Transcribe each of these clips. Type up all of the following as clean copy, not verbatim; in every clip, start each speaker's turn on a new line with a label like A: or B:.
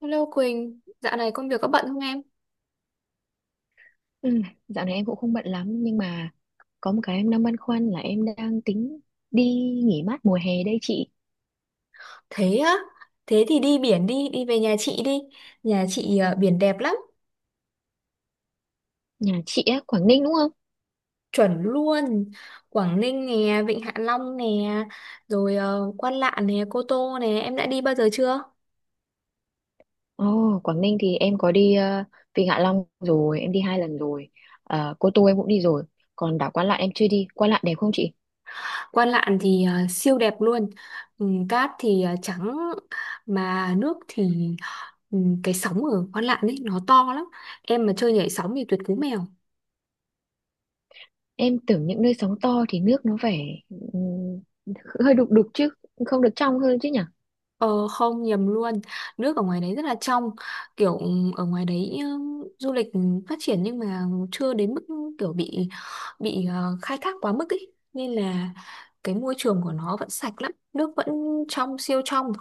A: Hello Quỳnh, dạo này công việc có bận không em?
B: Ừ, dạo này em cũng không bận lắm nhưng mà có một cái em đang băn khoăn là em đang tính đi nghỉ mát mùa hè đây chị.
A: Thế á, thế thì đi biển đi, đi về nhà chị đi. Nhà chị à, biển đẹp lắm,
B: Nhà chị á, Quảng Ninh đúng không?
A: chuẩn luôn. Quảng Ninh nè, Vịnh Hạ Long nè, rồi Quan Lạn nè, Cô Tô nè, em đã đi bao giờ chưa?
B: Ồ, Quảng Ninh thì em có đi Vịnh Hạ Long rồi, em đi 2 lần rồi. Cô Tô em cũng đi rồi. Còn đảo Quan Lạn em chưa đi. Quan Lạn đẹp không chị?
A: Quan Lạn thì siêu đẹp luôn. Ừ, cát thì trắng, mà nước thì ừ, cái sóng ở Quan Lạn ấy nó to lắm. Em mà chơi nhảy sóng thì tuyệt cú mèo.
B: Em tưởng những nơi sóng to thì nước nó phải ừm, hơi đục đục chứ, không được trong hơn chứ nhỉ?
A: Ờ, không nhầm luôn. Nước ở ngoài đấy rất là trong. Kiểu ở ngoài đấy du lịch phát triển. Nhưng mà chưa đến mức kiểu bị khai thác quá mức ý. Nên là cái môi trường của nó vẫn sạch lắm. Nước vẫn trong, siêu trong.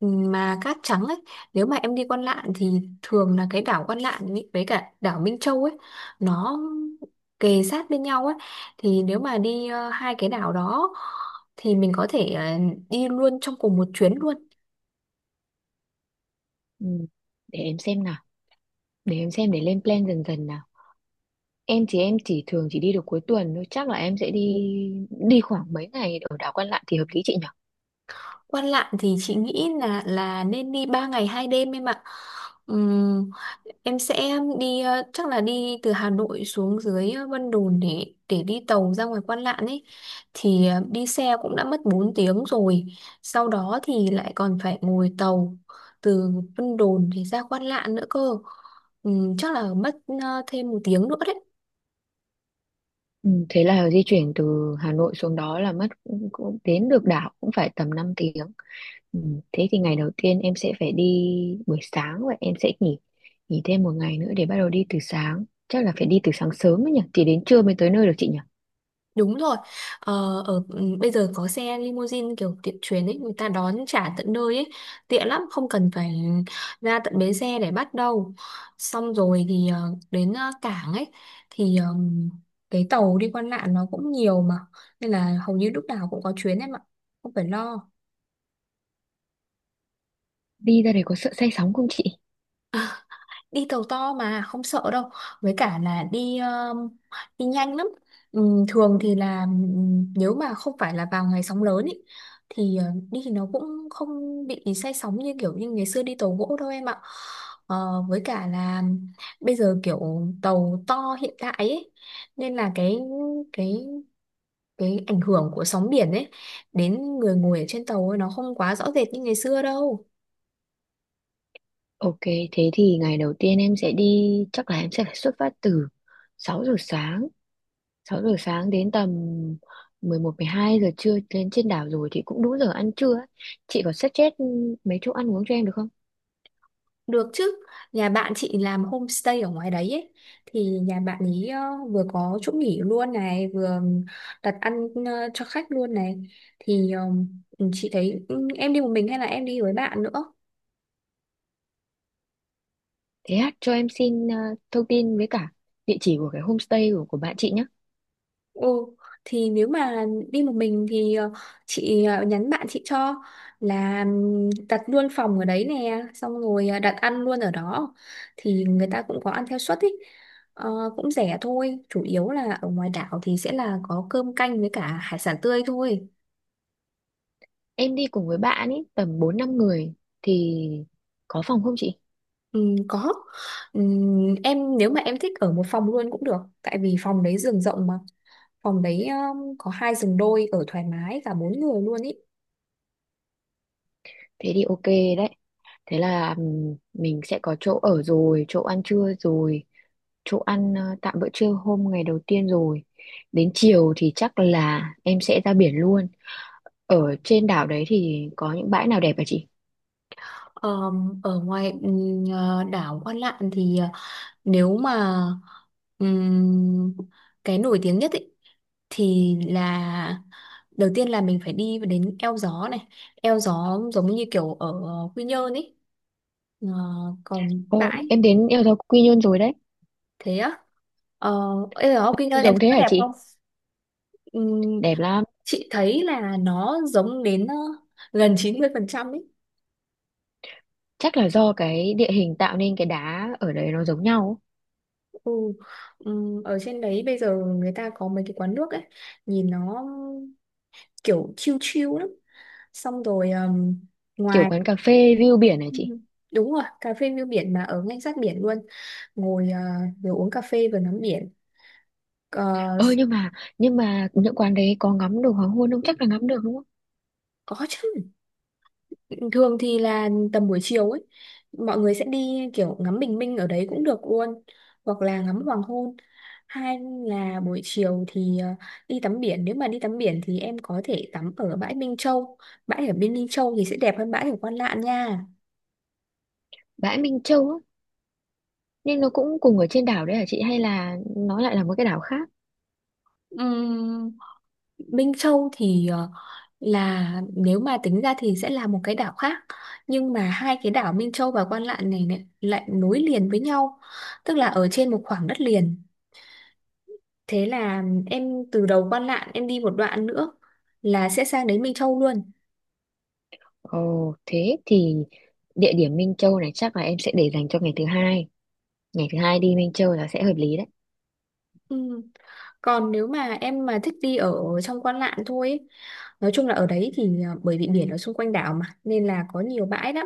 A: Mà cát trắng ấy. Nếu mà em đi Quan Lạn thì thường là cái đảo Quan Lạn ý, với cả đảo Minh Châu ấy. Nó kề sát bên nhau ấy. Thì nếu mà đi hai cái đảo đó thì mình có thể đi luôn trong cùng một chuyến luôn.
B: Ừ, để em xem nào, để em xem để lên plan dần dần nào. Em thì em chỉ thường chỉ đi được cuối tuần thôi, chắc là em sẽ đi đi khoảng mấy ngày ở đảo Quan Lạn thì hợp lý chị nhỉ?
A: Quan Lạn thì chị nghĩ là nên đi 3 ngày 2 đêm em ạ. Ừm, em sẽ đi, chắc là đi từ Hà Nội xuống dưới Vân Đồn để đi tàu ra ngoài Quan Lạn ấy, thì đi xe cũng đã mất 4 tiếng rồi. Sau đó thì lại còn phải ngồi tàu từ Vân Đồn thì ra Quan Lạn nữa cơ. Chắc là mất thêm 1 tiếng nữa đấy.
B: Ừ, thế là di chuyển từ Hà Nội xuống đó là mất cũng đến được đảo cũng phải tầm 5 tiếng. Ừ, thế thì ngày đầu tiên em sẽ phải đi buổi sáng và em sẽ nghỉ nghỉ thêm một ngày nữa để bắt đầu đi từ sáng. Chắc là phải đi từ sáng sớm ấy nhỉ, thì đến trưa mới tới nơi được chị nhỉ?
A: Đúng rồi. Ờ, ở bây giờ có xe limousine kiểu tiện chuyến ấy, người ta đón trả tận nơi ấy, tiện lắm, không cần phải ra tận bến xe để bắt đâu. Xong rồi thì đến cảng ấy thì cái tàu đi qua lạn nó cũng nhiều mà, nên là hầu như lúc nào cũng có chuyến em ạ, không phải lo.
B: Đi ra đấy có sợ say sóng không chị?
A: Đi tàu to mà không sợ đâu, với cả là đi đi nhanh lắm. Thường thì là, nếu mà không phải là vào ngày sóng lớn ý, thì đi thì nó cũng không bị say sóng như kiểu như ngày xưa đi tàu gỗ đâu em ạ. Ờ, với cả là bây giờ kiểu tàu to hiện tại ấy, nên là cái cái ảnh hưởng của sóng biển ấy đến người ngồi ở trên tàu ấy, nó không quá rõ rệt như ngày xưa đâu.
B: Ok, thế thì ngày đầu tiên em sẽ đi, chắc là em sẽ phải xuất phát từ 6 giờ sáng 6 giờ sáng đến tầm 11 12 giờ trưa lên trên đảo rồi thì cũng đủ giờ ăn trưa ấy. Chị có suggest mấy chỗ ăn uống cho em được không?
A: Được chứ, nhà bạn chị làm homestay ở ngoài đấy ấy. Thì nhà bạn ấy vừa có chỗ nghỉ luôn này, vừa đặt ăn cho khách luôn này. Thì chị thấy, em đi một mình hay là em đi với bạn nữa?
B: Thế hát cho em xin thông tin với cả địa chỉ của cái homestay của bạn chị nhé.
A: Ừ, thì nếu mà đi một mình thì, chị nhắn bạn chị cho là, đặt luôn phòng ở đấy nè, xong rồi đặt ăn luôn ở đó thì người ta cũng có ăn theo suất ý. Ờ, cũng rẻ thôi, chủ yếu là ở ngoài đảo thì sẽ là có cơm canh với cả hải sản tươi thôi.
B: Em đi cùng với bạn ấy tầm 4 5 người thì có phòng không chị?
A: Có. Em nếu mà em thích ở một phòng luôn cũng được, tại vì phòng đấy giường rộng mà. Phòng đấy có hai giường đôi, ở thoải mái cả bốn người luôn ý.
B: Thế thì ok đấy. Thế là mình sẽ có chỗ ở rồi, chỗ ăn trưa rồi, chỗ ăn tạm bữa trưa hôm ngày đầu tiên rồi. Đến chiều thì chắc là em sẽ ra biển luôn. Ở trên đảo đấy thì có những bãi nào đẹp hả chị?
A: Ờ, ở ngoài, đảo Quan Lạn thì nếu mà, ừm, cái nổi tiếng nhất ý, thì là đầu tiên là mình phải đi đến Eo Gió này. Eo Gió giống như kiểu ở Quy Nhơn ấy. Ờ, còn
B: ờ,
A: bãi,
B: em đến Eo Gió Quy Nhơn rồi đấy.
A: thế á, ờ, Eo Gió Quy
B: Cũng
A: Nhơn em
B: giống
A: thấy
B: thế
A: nó
B: hả
A: đẹp.
B: chị?
A: Ừm,
B: Đẹp lắm.
A: chị thấy là nó giống đến gần 90% ấy.
B: Chắc là do cái địa hình tạo nên cái đá ở đấy nó giống nhau.
A: Ừ. Ở trên đấy bây giờ người ta có mấy cái quán nước ấy, nhìn nó kiểu chill chill lắm, xong rồi
B: Kiểu
A: ngoài,
B: quán cà phê view biển hả
A: ừ,
B: chị?
A: đúng rồi, cà phê view biển mà ở ngay sát biển luôn, ngồi vừa uống cà phê vừa ngắm biển. Ờ,
B: Ờ nhưng mà nhưng mà những quán đấy có ngắm được hoàng hôn không, chắc là ngắm được đúng không?
A: có chứ, thường thì là tầm buổi chiều ấy mọi người sẽ đi kiểu ngắm bình minh ở đấy cũng được luôn, hoặc là ngắm hoàng hôn. Hay là buổi chiều thì đi tắm biển, nếu mà đi tắm biển thì em có thể tắm ở bãi Minh Châu. Bãi ở bên Minh Châu thì sẽ đẹp hơn bãi ở Quan Lạn nha.
B: Bãi Minh Châu á, nhưng nó cũng cùng ở trên đảo đấy hả chị hay là nó lại là một cái đảo khác?
A: Ừm, Minh Châu thì là nếu mà tính ra thì sẽ là một cái đảo khác, nhưng mà hai cái đảo Minh Châu và Quan Lạn này lại nối liền với nhau, tức là ở trên một khoảng đất liền, thế là em từ đầu Quan Lạn em đi một đoạn nữa là sẽ sang đến Minh Châu luôn.
B: Ồ, thế thì địa điểm Minh Châu này chắc là em sẽ để dành cho ngày thứ hai. Ngày thứ hai đi Minh Châu là sẽ hợp lý đấy.
A: Ừ. Còn nếu mà em mà thích đi ở trong Quan Lạn thôi ấy, nói chung là ở đấy thì bởi vì biển ở xung quanh đảo mà nên là có nhiều bãi lắm.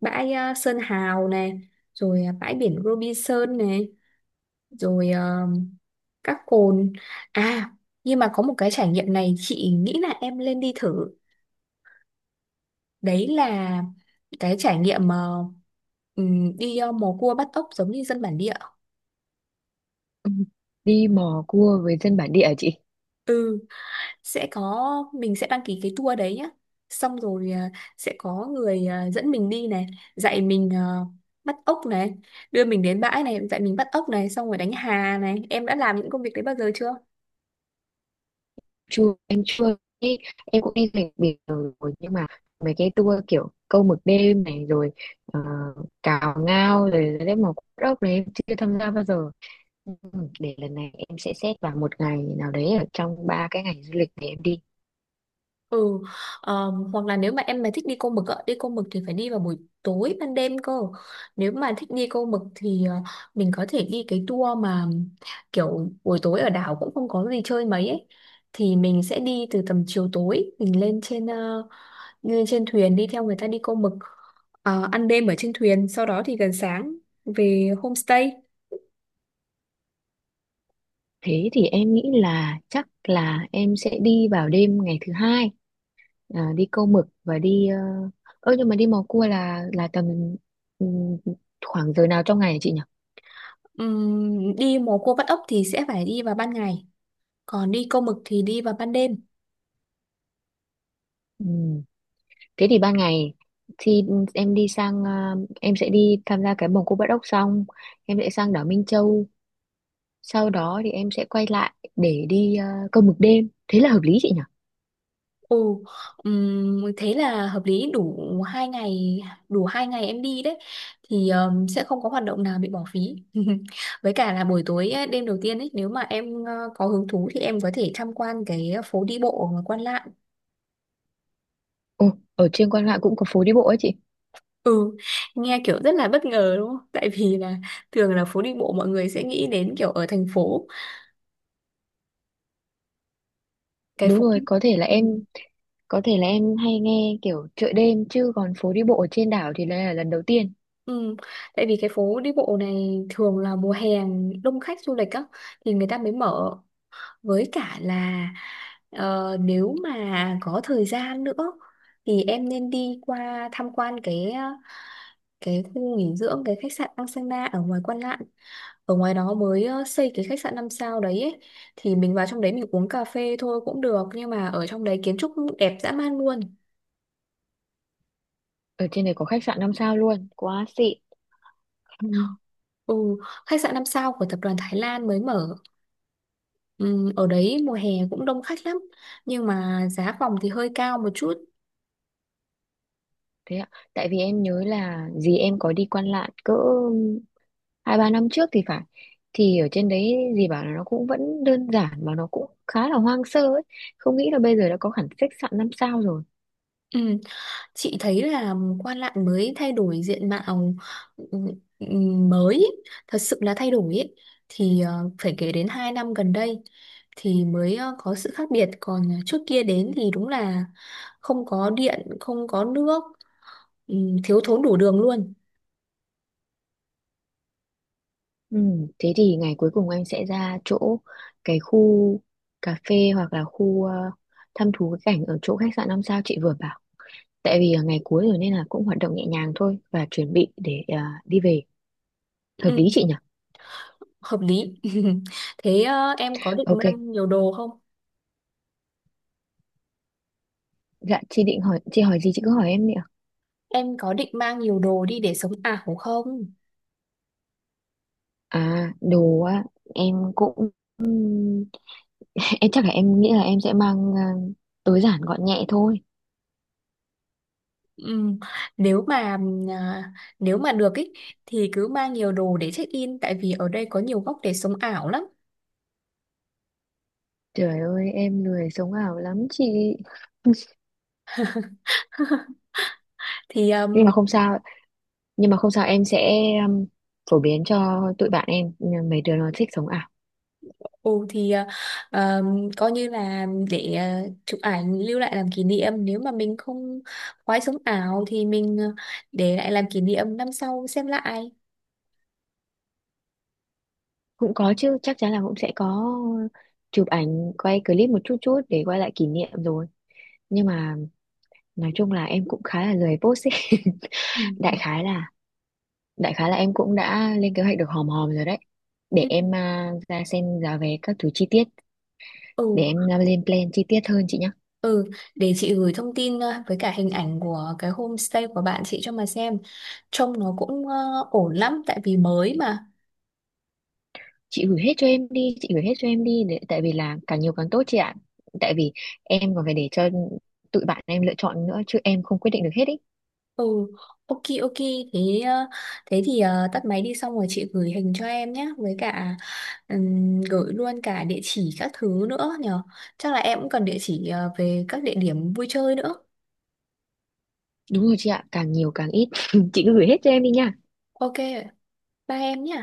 A: Bãi Sơn Hào này, rồi bãi biển Robinson này, rồi các cồn, à, nhưng mà có một cái trải nghiệm này chị nghĩ là em lên đi thử, đấy là cái trải nghiệm, đi mò cua bắt ốc giống như dân bản địa.
B: Ừ, đi mò cua với dân bản địa hả chị?
A: Ừ, sẽ có, mình sẽ đăng ký cái tour đấy nhá, xong rồi sẽ có người dẫn mình đi này, dạy mình bắt ốc này, đưa mình đến bãi này, dạy mình bắt ốc này, xong rồi đánh hà này, em đã làm những công việc đấy bao giờ chưa?
B: Chưa, em chưa đi. Em cũng đi du lịch biển rồi nhưng mà mấy cái tour kiểu câu mực đêm này rồi, ờ, cào ngao rồi đấy mò cua ốc này em chưa tham gia bao giờ. Ừ, để lần này em sẽ xét vào một ngày nào đấy ở trong 3 cái ngày du lịch để em đi.
A: Ừ, hoặc là nếu mà em mà thích đi câu mực ạ, đi câu mực thì phải đi vào buổi tối ban đêm cơ. Nếu mà thích đi câu mực thì mình có thể đi cái tour mà kiểu buổi tối ở đảo cũng không có gì chơi mấy ấy. Thì mình sẽ đi từ tầm chiều tối, mình lên trên thuyền đi theo người ta đi câu mực. Ờ, ăn đêm ở trên thuyền, sau đó thì gần sáng về homestay.
B: Thế thì em nghĩ là chắc là em sẽ đi vào đêm ngày thứ hai, đi câu mực và đi uh... ơ nhưng mà đi mò cua là tầm ừ, khoảng giờ nào trong ngày hả chị nhỉ?
A: Đi mò cua bắt ốc thì sẽ phải đi vào ban ngày, còn đi câu mực thì đi vào ban đêm.
B: Ừ. Thế thì ban ngày thì em đi sang à, em sẽ đi tham gia cái vòng Cô Bắt Ốc xong em sẽ sang đảo Minh Châu, sau đó thì em sẽ quay lại để đi câu mực đêm thế là hợp lý chị nhỉ?
A: Ồ, thế là hợp lý, đủ hai ngày, đủ hai ngày em đi đấy thì, sẽ không có hoạt động nào bị bỏ phí. Với cả là buổi tối ấy, đêm đầu tiên ấy, nếu mà em có hứng thú thì em có thể tham quan cái phố đi bộ ở Quan Lạn.
B: Ồ, ở trên Quan Lạn cũng có phố đi bộ ấy chị?
A: Ừ, nghe kiểu rất là bất ngờ đúng không, tại vì là thường là phố đi bộ mọi người sẽ nghĩ đến kiểu ở thành phố, cái
B: Đúng
A: phố đi.
B: rồi,
A: Ừ.
B: có thể là em hay nghe kiểu chợ đêm chứ còn phố đi bộ ở trên đảo thì đây là lần đầu tiên.
A: Ừ. Tại vì cái phố đi bộ này thường là mùa hè đông khách du lịch á thì người ta mới mở, với cả là nếu mà có thời gian nữa thì em nên đi qua tham quan cái khu nghỉ dưỡng, cái khách sạn Angsana ở ngoài Quan Lạn. Ở ngoài đó mới xây cái khách sạn 5 sao đấy ấy. Thì mình vào trong đấy mình uống cà phê thôi cũng được, nhưng mà ở trong đấy kiến trúc đẹp dã man luôn.
B: Ở trên này có khách sạn 5 sao luôn, quá xịn.
A: Ừ, khách sạn 5 sao của tập đoàn Thái Lan mới mở. Ừ, ở đấy mùa hè cũng đông khách lắm, nhưng mà giá phòng thì hơi cao một chút.
B: Thế ạ, tại vì em nhớ là dì em có đi Quan Lạn cỡ 2 3 năm trước thì phải, thì ở trên đấy dì bảo là nó cũng vẫn đơn giản mà nó cũng khá là hoang sơ ấy. Không nghĩ là bây giờ đã có hẳn khách sạn 5 sao rồi.
A: Ừ. Chị thấy là Quan Lạn mới thay đổi diện mạo, ừ, ừ, mới ý, thật sự là thay đổi ý, thì phải kể đến 2 năm gần đây thì mới có sự khác biệt. Còn trước kia đến thì đúng là không có điện không có nước, ừ, thiếu thốn đủ đường luôn.
B: Ừ, thế thì ngày cuối cùng anh sẽ ra chỗ cái khu cà phê hoặc là khu, thăm thú cái cảnh ở chỗ khách sạn 5 sao chị vừa bảo. Tại vì là ngày cuối rồi nên là cũng hoạt động nhẹ nhàng thôi và chuẩn bị để đi về. Hợp
A: Ừ,
B: lý chị nhỉ?
A: hợp lý. Thế em có định
B: Ok.
A: mang nhiều đồ không,
B: Dạ chị định hỏi, chị hỏi gì chị cứ hỏi em đi ạ.
A: em có định mang nhiều đồ đi để sống ảo không?
B: À, đồ á, em cũng ừm, em chắc là em nghĩ là em sẽ mang tối giản gọn nhẹ thôi.
A: Ừ. Nếu mà à, nếu mà được ý, thì cứ mang nhiều đồ để check in, tại vì ở đây có nhiều góc để sống ảo lắm.
B: Trời ơi, em lười sống ảo lắm chị.
A: thì
B: Nhưng mà không sao, nhưng mà không sao, em sẽ um, phổ biến cho tụi bạn em mấy đứa nó thích sống ảo.
A: ừ, coi như là để chụp ảnh lưu lại làm kỷ niệm, nếu mà mình không khoái sống ảo thì mình, để lại làm kỷ niệm năm sau xem lại.
B: Cũng có chứ, chắc chắn là cũng sẽ có chụp ảnh, quay clip một chút chút để quay lại kỷ niệm rồi. Nhưng mà nói chung là em cũng khá là lười post ấy.
A: Ừ.
B: Đại khái là đại khái là em cũng đã lên kế hoạch được hòm hòm rồi đấy, để
A: Ừ.
B: em ra xem giá vé các thứ chi tiết,
A: Ừ.
B: để em lên plan chi tiết hơn chị nhá.
A: Ừ. Để chị gửi thông tin, với cả hình ảnh của cái homestay của bạn chị cho mà xem, trông nó cũng ổn lắm tại vì mới mà.
B: Chị gửi hết cho em đi, chị gửi hết cho em đi để, tại vì là càng nhiều càng tốt chị ạ, tại vì em còn phải để cho tụi bạn em lựa chọn nữa chứ em không quyết định được hết ý.
A: Ừ, ok, ok, thế ờ, thế thì tắt máy đi xong rồi chị gửi hình cho em nhé, với cả, gửi luôn cả địa chỉ các thứ nữa nhở. Chắc là em cũng cần địa chỉ, về các địa điểm vui chơi nữa.
B: Đúng rồi chị ạ, càng nhiều càng ít chị cứ gửi hết cho em đi nha.
A: Ok, bye em nhé.